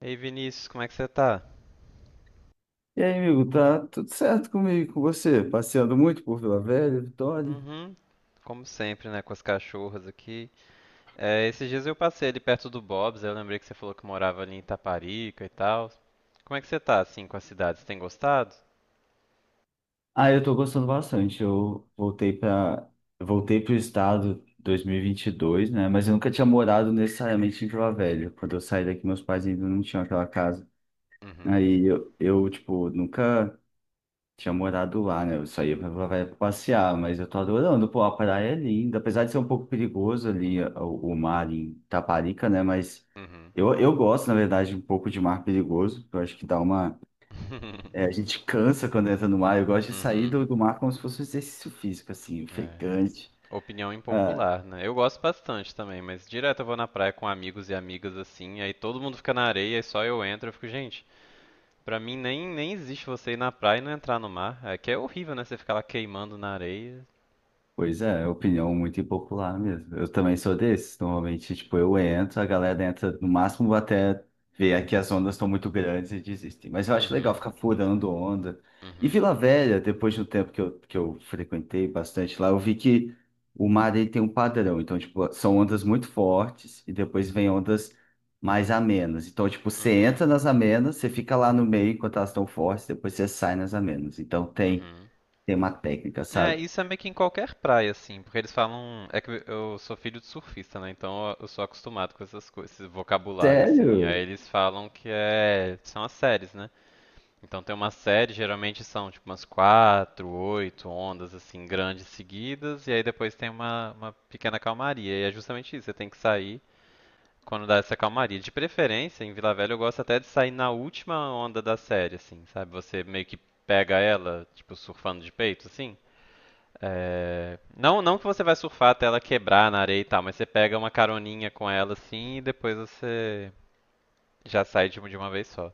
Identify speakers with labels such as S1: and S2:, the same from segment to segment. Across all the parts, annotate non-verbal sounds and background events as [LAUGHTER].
S1: Ei Vinícius, como é que você tá?
S2: E aí, amigo, tá tudo certo comigo, com você? Passeando muito por Vila Velha, Vitória?
S1: Uhum. Como sempre, né, com as cachorras aqui. É, esses dias eu passei ali perto do Bob's, aí eu lembrei que você falou que morava ali em Itaparica e tal. Como é que você tá, assim, com a cidade? Você tem gostado?
S2: Ah, eu tô gostando bastante. Eu voltei para voltei pro estado em dois mil e vinte e dois, né? Mas eu nunca tinha morado necessariamente em Vila Velha. Quando eu saí daqui, meus pais ainda não tinham aquela casa.
S1: Uhum,
S2: Aí eu tipo, nunca tinha morado lá, né? Eu saía pra passear, mas eu tô adorando, pô, a praia é linda, apesar de ser um pouco perigoso ali o mar em Taparica, né? Mas
S1: uhum.
S2: eu gosto, na verdade, um pouco de mar perigoso, eu acho que dá uma. A
S1: [LAUGHS]
S2: gente cansa quando entra no mar, eu gosto de sair
S1: Uhum.
S2: do mar como se fosse um exercício físico, assim,
S1: É.
S2: ofegante.
S1: Opinião
S2: Ah,
S1: impopular, né? Eu gosto bastante também, mas direto eu vou na praia com amigos e amigas assim, aí todo mundo fica na areia e só eu entro, eu fico, gente, pra mim nem existe você ir na praia e não entrar no mar. É que é horrível, né? Você ficar lá queimando na areia.
S2: pois é, é opinião muito impopular mesmo. Eu também sou desses. Normalmente, tipo, eu entro, a galera entra no máximo até ver aqui as ondas estão muito grandes e desistem. Mas eu acho legal
S1: Uhum,
S2: ficar furando onda. E
S1: uhum,
S2: Vila Velha, depois de um tempo que eu frequentei bastante lá, eu vi que o mar ele tem um padrão. Então, tipo, são ondas muito fortes e depois vem ondas mais amenas. Então, tipo, você
S1: uhum,
S2: entra nas amenas, você fica lá no meio enquanto elas estão fortes, depois você sai nas amenas. Então, tem,
S1: uhum.
S2: tem uma técnica,
S1: É,
S2: sabe?
S1: isso é meio que em qualquer praia, assim, porque eles falam. É que eu sou filho de surfista, né? Então eu sou acostumado com essas coisas, esse vocabulário, assim. Aí
S2: Sério?
S1: eles falam que é. São as séries, né? Então tem uma série, geralmente são tipo umas quatro, oito ondas, assim, grandes seguidas, e aí depois tem uma pequena calmaria. E é justamente isso, você tem que sair. Quando dá essa calmaria. De preferência, em Vila Velha eu gosto até de sair na última onda da série, assim, sabe? Você meio que pega ela, tipo, surfando de peito, assim. É, não, não que você vai surfar até ela quebrar na areia e tal, mas você pega uma caroninha com ela, assim, e depois você já sai de uma vez só.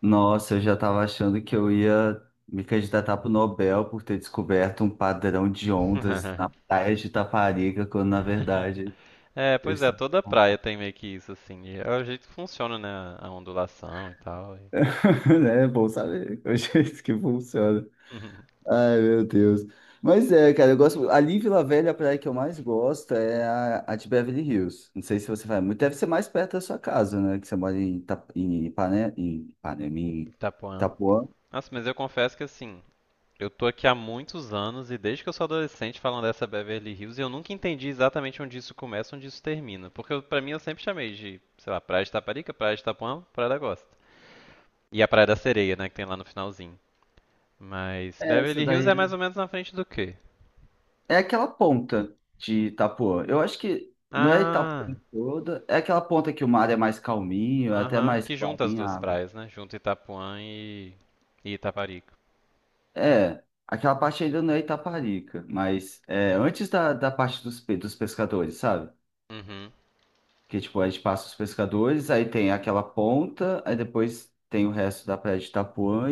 S2: Nossa, eu já estava achando que eu ia me candidatar para o Nobel por ter descoberto um padrão de ondas na
S1: [LAUGHS]
S2: praia de Itaparica, quando na verdade
S1: É,
S2: eu
S1: pois é,
S2: estava.
S1: toda praia
S2: [LAUGHS]
S1: tem meio que isso, assim. E é o jeito que funciona, né? A ondulação e tal. E...
S2: É bom saber é o [LAUGHS] jeito que funciona.
S1: [LAUGHS]
S2: Ai, meu Deus. Mas é, cara, eu gosto. Ali em Vila Velha, é a praia que eu mais gosto é a de Beverly Hills. Não sei se você vai muito. Deve ser mais perto da sua casa, né? Que você mora em, Ita... em, Ipane... em Ipanema, em
S1: Itapuã.
S2: Itapuã.
S1: Nossa, mas eu confesso que, assim, eu tô aqui há muitos anos e desde que eu sou adolescente falando dessa Beverly Hills e eu nunca entendi exatamente onde isso começa, e onde isso termina. Pra mim eu sempre chamei de, sei lá, Praia de Taparica, Praia de Itapuã, Praia da Gosta. E a Praia da Sereia, né, que tem lá no finalzinho. Mas
S2: É, Essa
S1: Beverly Hills
S2: daí
S1: é mais ou menos na frente do quê?
S2: É aquela ponta de Itapuã. Eu acho que não é Itapuã
S1: Ah,
S2: toda, é aquela ponta que o mar é mais calminho, é até
S1: aham,
S2: mais
S1: que junta as
S2: clarinha
S1: duas
S2: a água.
S1: praias, né? Junta Itapuã e Itaparica.
S2: É, aquela parte ainda não é Itaparica, mas é antes da parte dos pescadores, sabe?
S1: Uhum,
S2: Que tipo, a gente passa os pescadores, aí tem aquela ponta, aí depois tem o resto da praia de Itapuã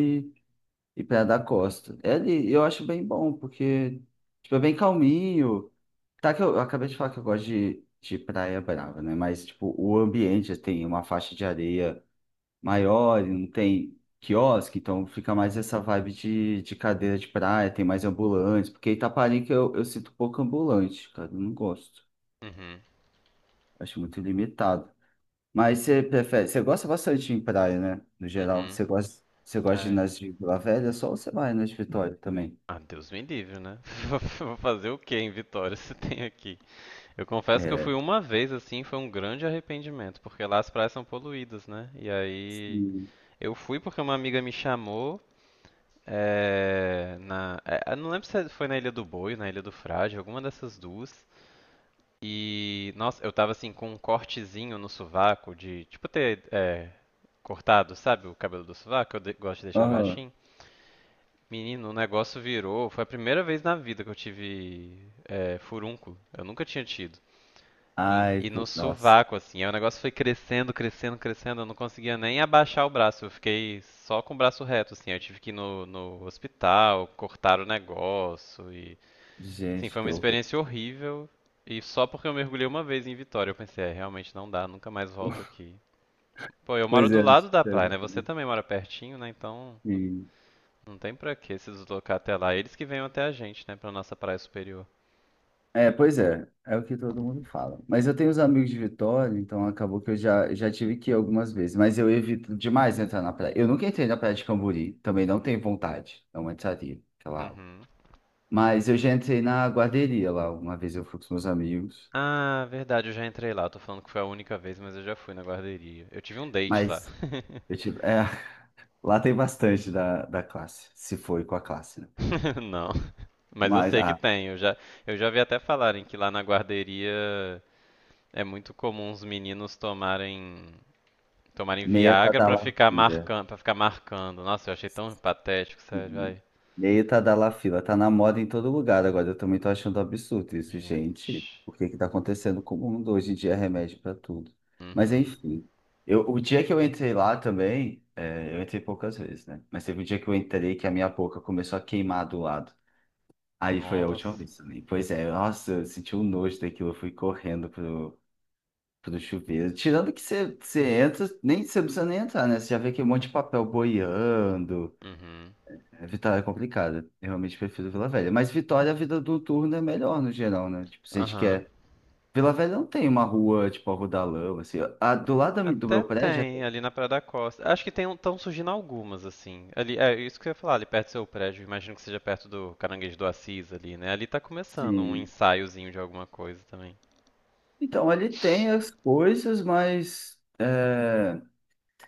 S2: e Praia da Costa. É ali, eu acho bem bom, porque tipo, é bem calminho. Tá que eu acabei de falar que eu gosto de praia brava, né? Mas tipo, o ambiente assim, tem uma faixa de areia maior, e não tem quiosque, então fica mais essa vibe de cadeira de praia, tem mais ambulantes, porque Itaparica eu sinto pouco ambulante, cara, eu não gosto.
S1: uhum,
S2: Acho muito limitado. Mas você gosta bastante de ir em praia, né? No geral,
S1: uhum.
S2: você gosta de ir
S1: É.
S2: nas de Vila Velha só ou você vai nas de Vitória também?
S1: Ah, Deus me livre, né? [LAUGHS] Vou fazer o quê em Vitória se tem aqui? Eu confesso que eu
S2: É.
S1: fui uma vez assim, foi um grande arrependimento, porque lá as praias são poluídas, né? E aí
S2: Sim.
S1: eu fui porque uma amiga me chamou, eu não lembro se foi na Ilha do Boi, na Ilha do Frade, alguma dessas duas. E nossa, eu tava assim com um cortezinho no sovaco de, tipo ter cortado, sabe, o cabelo do sovaco, gosto de deixar
S2: Aham.
S1: baixinho. Menino, o negócio virou, foi a primeira vez na vida que eu tive, furúnculo. Eu nunca tinha tido. E,
S2: Ai,
S1: e no
S2: pô, nossa.
S1: sovaco, assim. Aí o negócio foi crescendo, crescendo, crescendo. Eu não conseguia nem abaixar o braço. Eu fiquei só com o braço reto, assim. Eu tive que ir no hospital, cortar o negócio. E, assim,
S2: Gente,
S1: foi
S2: que
S1: uma
S2: horror.
S1: experiência horrível. E só porque eu mergulhei uma vez em Vitória, eu pensei, é, realmente não dá, nunca mais volto
S2: [LAUGHS]
S1: aqui. Pô, eu moro
S2: Pois
S1: do
S2: é,
S1: lado da praia, né? Você
S2: exatamente.
S1: também mora pertinho, né? Então
S2: Sim.
S1: não tem pra que se deslocar até lá. Eles que venham até a gente, né? Pra nossa praia superior.
S2: É, pois é, é o que todo mundo fala. Mas eu tenho os amigos de Vitória, então acabou que eu já tive que ir algumas vezes, mas eu evito demais entrar na praia. Eu nunca entrei na praia de Camburi, também não tenho vontade, não entraria, aquela água.
S1: Uhum.
S2: Mas eu já entrei na guarderia lá, uma vez eu fui com os meus amigos,
S1: Ah, verdade, eu já entrei lá. Tô falando que foi a única vez, mas eu já fui na guarderia. Eu tive um date lá.
S2: mas eu tive, [LAUGHS] lá tem bastante da classe, se foi com a classe, né?
S1: [LAUGHS] Não, mas eu
S2: Mas,
S1: sei que
S2: ah,
S1: tem. Eu já vi até falarem que lá na guarderia é muito comum os meninos tomarem, tomarem
S2: meia
S1: Viagra pra ficar
S2: tadalafila.
S1: marcando, para ficar marcando. Nossa, eu achei tão patético, sério,
S2: Sim.
S1: vai.
S2: Meia tadalafila. Tá na moda em todo lugar agora. Eu também tô achando absurdo isso, gente.
S1: Gente.
S2: O que que tá acontecendo com o mundo? Hoje em dia é remédio pra tudo. Mas
S1: Uhum.
S2: enfim. O dia que eu entrei lá também, eu entrei poucas vezes, né? Mas teve um dia que eu entrei que a minha boca começou a queimar do lado. Aí foi a última
S1: Nossa.
S2: vez também. Pois é, nossa, eu senti um nojo daquilo. Eu fui correndo pro chuveiro. Tirando que você entra, nem, você não precisa nem entrar, né? Você já vê que um monte de papel boiando.
S1: Uhum.
S2: É, Vitória é complicado. Eu realmente prefiro Vila Velha. Mas Vitória, a vida noturna é melhor no geral, né? Tipo, se a gente
S1: Aham.
S2: quer. Vila Velha não tem uma rua, tipo, a Rua da Lama, assim. Do lado do meu
S1: Até
S2: prédio,
S1: tem
S2: até
S1: ali na Praia da Costa. Acho que tem estão surgindo algumas assim. Ali é isso que eu ia falar, ali perto do seu prédio, imagino que seja perto do Caranguejo do Assis ali, né? Ali tá começando um
S2: assim.
S1: ensaiozinho de alguma coisa também.
S2: Então, ali tem as coisas, mas, é,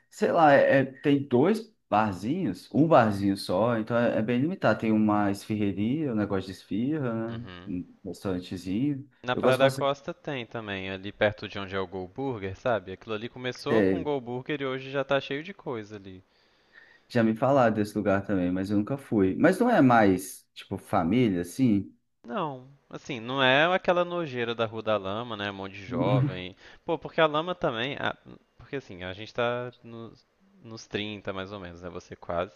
S2: sei lá, tem dois barzinhos, um barzinho só, então é bem limitado. Tem uma esfirreria, um negócio de esfirra, né?
S1: Uhum.
S2: Um restaurantezinho.
S1: Na
S2: Eu
S1: Praia
S2: gosto
S1: da
S2: bastante.
S1: Costa tem também, ali perto de onde é o Go Burger, sabe? Aquilo ali começou com o Go Burger e hoje já tá cheio de coisa ali.
S2: Já me falaram desse lugar também, mas eu nunca fui. Mas não é mais, tipo, família, assim?
S1: Não, assim, não é aquela nojeira da Rua da Lama, né? Um monte de
S2: [LAUGHS]
S1: jovem. Pô, porque a lama também. Porque assim, a gente tá nos 30 mais ou menos, né? Você quase.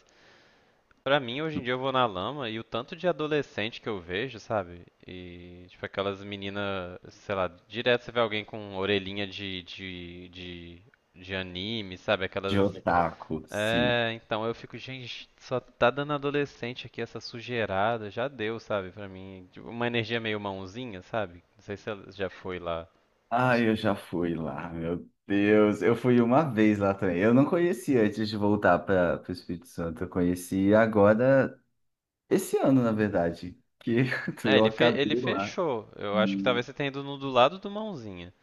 S1: Pra mim, hoje em dia eu vou na lama e o tanto de adolescente que eu vejo, sabe? E, tipo, aquelas meninas, sei lá, direto você vê alguém com orelhinha de anime, sabe?
S2: De
S1: Aquelas
S2: otaku, sim.
S1: é, então eu fico, gente, só tá dando adolescente aqui essa sujeirada, já deu, sabe, pra mim. Tipo, uma energia meio mãozinha, sabe? Não sei se ela já foi lá. Eu
S2: Ah,
S1: s-
S2: eu já fui lá, meu Deus. Eu fui uma vez lá também. Eu não conhecia antes de voltar para o Espírito Santo. Eu conheci agora, esse ano, na verdade, que [LAUGHS]
S1: É,
S2: eu acabei
S1: ele
S2: lá.
S1: fechou. Eu acho que talvez você tenha ido no do lado do mãozinha.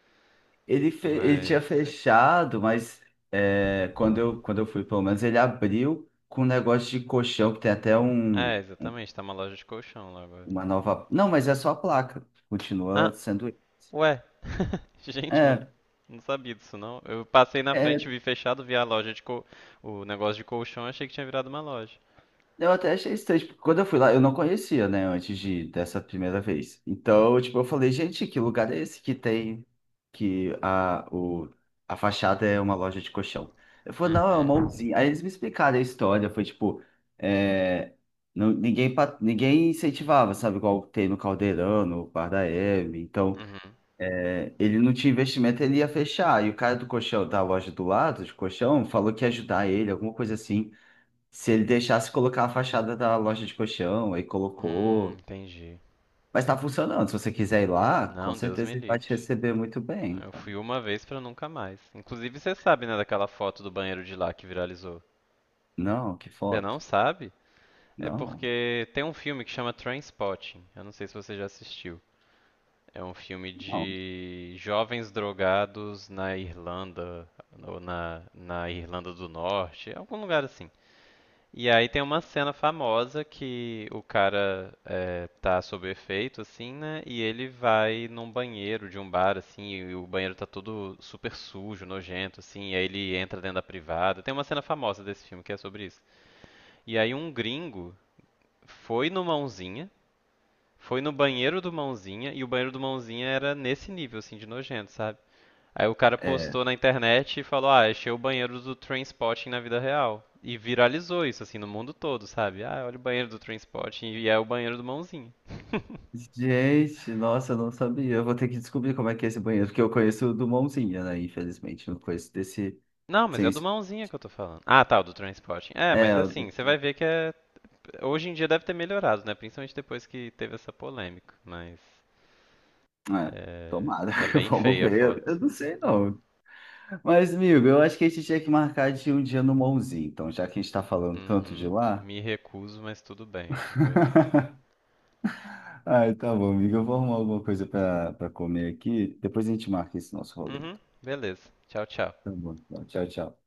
S2: Ele tinha
S1: Mas.
S2: fechado, mas quando eu fui, pelo menos, ele abriu com um negócio de colchão, que tem até
S1: É,
S2: um.
S1: exatamente, tá uma loja de colchão lá agora.
S2: Uma nova. Não, mas é só a placa. Continua
S1: Ah,
S2: sendo.
S1: ué, [LAUGHS] gente, mas
S2: É,
S1: não sabia disso não. Eu passei na frente,
S2: é,
S1: vi fechado, vi a o negócio de colchão, achei que tinha virado uma loja.
S2: eu até achei estranho. Tipo, quando eu fui lá, eu não conhecia, né? Antes de dessa primeira vez. Então, tipo, eu falei, gente, que lugar é esse que tem. Que a fachada é uma loja de colchão. Eu falei, não, é uma
S1: Uhum.
S2: usina. Aí eles me explicaram a história. Foi tipo. é, Ninguém incentivava, sabe? Igual tem no Caldeirão, no Bar da Hebe. Então.
S1: Uhum.
S2: Ele não tinha investimento, ele ia fechar. E o cara do colchão, da loja do lado, de colchão, falou que ia ajudar ele, alguma coisa assim. Se ele deixasse colocar a fachada da loja de colchão, aí colocou.
S1: Entendi.
S2: Mas tá funcionando. Se você quiser ir lá, com
S1: Não, Deus me
S2: certeza ele vai
S1: livre.
S2: te receber muito bem,
S1: Eu
S2: cara.
S1: fui uma vez pra nunca mais. Inclusive, você sabe, né, daquela foto do banheiro de lá que viralizou?
S2: Não, que
S1: Você não
S2: foto.
S1: sabe? É
S2: Não,
S1: porque tem um filme que chama Trainspotting. Eu não sei se você já assistiu. É um filme
S2: não.
S1: de jovens drogados na Irlanda, ou na Irlanda do Norte, algum lugar assim. E aí tem uma cena famosa que o cara é, tá sob efeito, assim, né? E ele vai num banheiro de um bar, assim, e o banheiro tá todo super sujo, nojento, assim, e aí ele entra dentro da privada. Tem uma cena famosa desse filme que é sobre isso. E aí um gringo foi no Mãozinha, foi no banheiro do Mãozinha, e o banheiro do Mãozinha era nesse nível, assim, de nojento, sabe? Aí o cara
S2: É.
S1: postou na internet e falou: "Ah, achei o banheiro do Trainspotting na vida real". E viralizou isso assim no mundo todo, sabe? Ah, olha o banheiro do Trainspotting e é o banheiro do Mãozinha.
S2: Gente, nossa, eu não sabia. Eu vou ter que descobrir como é que é esse banheiro, porque eu conheço o do Mãozinha, né? Infelizmente, eu não conheço desse.
S1: Não, mas
S2: Sem
S1: é do Mãozinha que eu tô falando. Ah, tá, o do Trainspotting. É, mas
S2: É, o
S1: assim,
S2: do
S1: você vai ver que é hoje em dia deve ter melhorado, né? Principalmente depois que teve essa polêmica, mas
S2: É,
S1: é,
S2: Tomara,
S1: é
S2: [LAUGHS]
S1: bem
S2: vamos
S1: feia a
S2: ver.
S1: foto.
S2: Eu não sei, não. Mas, amigo, eu acho que a gente tinha que marcar de um dia no Monzinho, então, já que a gente está falando tanto de
S1: Uhum.
S2: lá.
S1: Me recuso, mas tudo bem. Eu-
S2: [LAUGHS] Ai, tá bom, amigo. Eu vou arrumar alguma coisa para comer aqui. Depois a gente marca esse nosso rolê.
S1: Uhum.
S2: então.
S1: Beleza. Tchau, tchau.
S2: Tá bom, então. Tchau, tchau.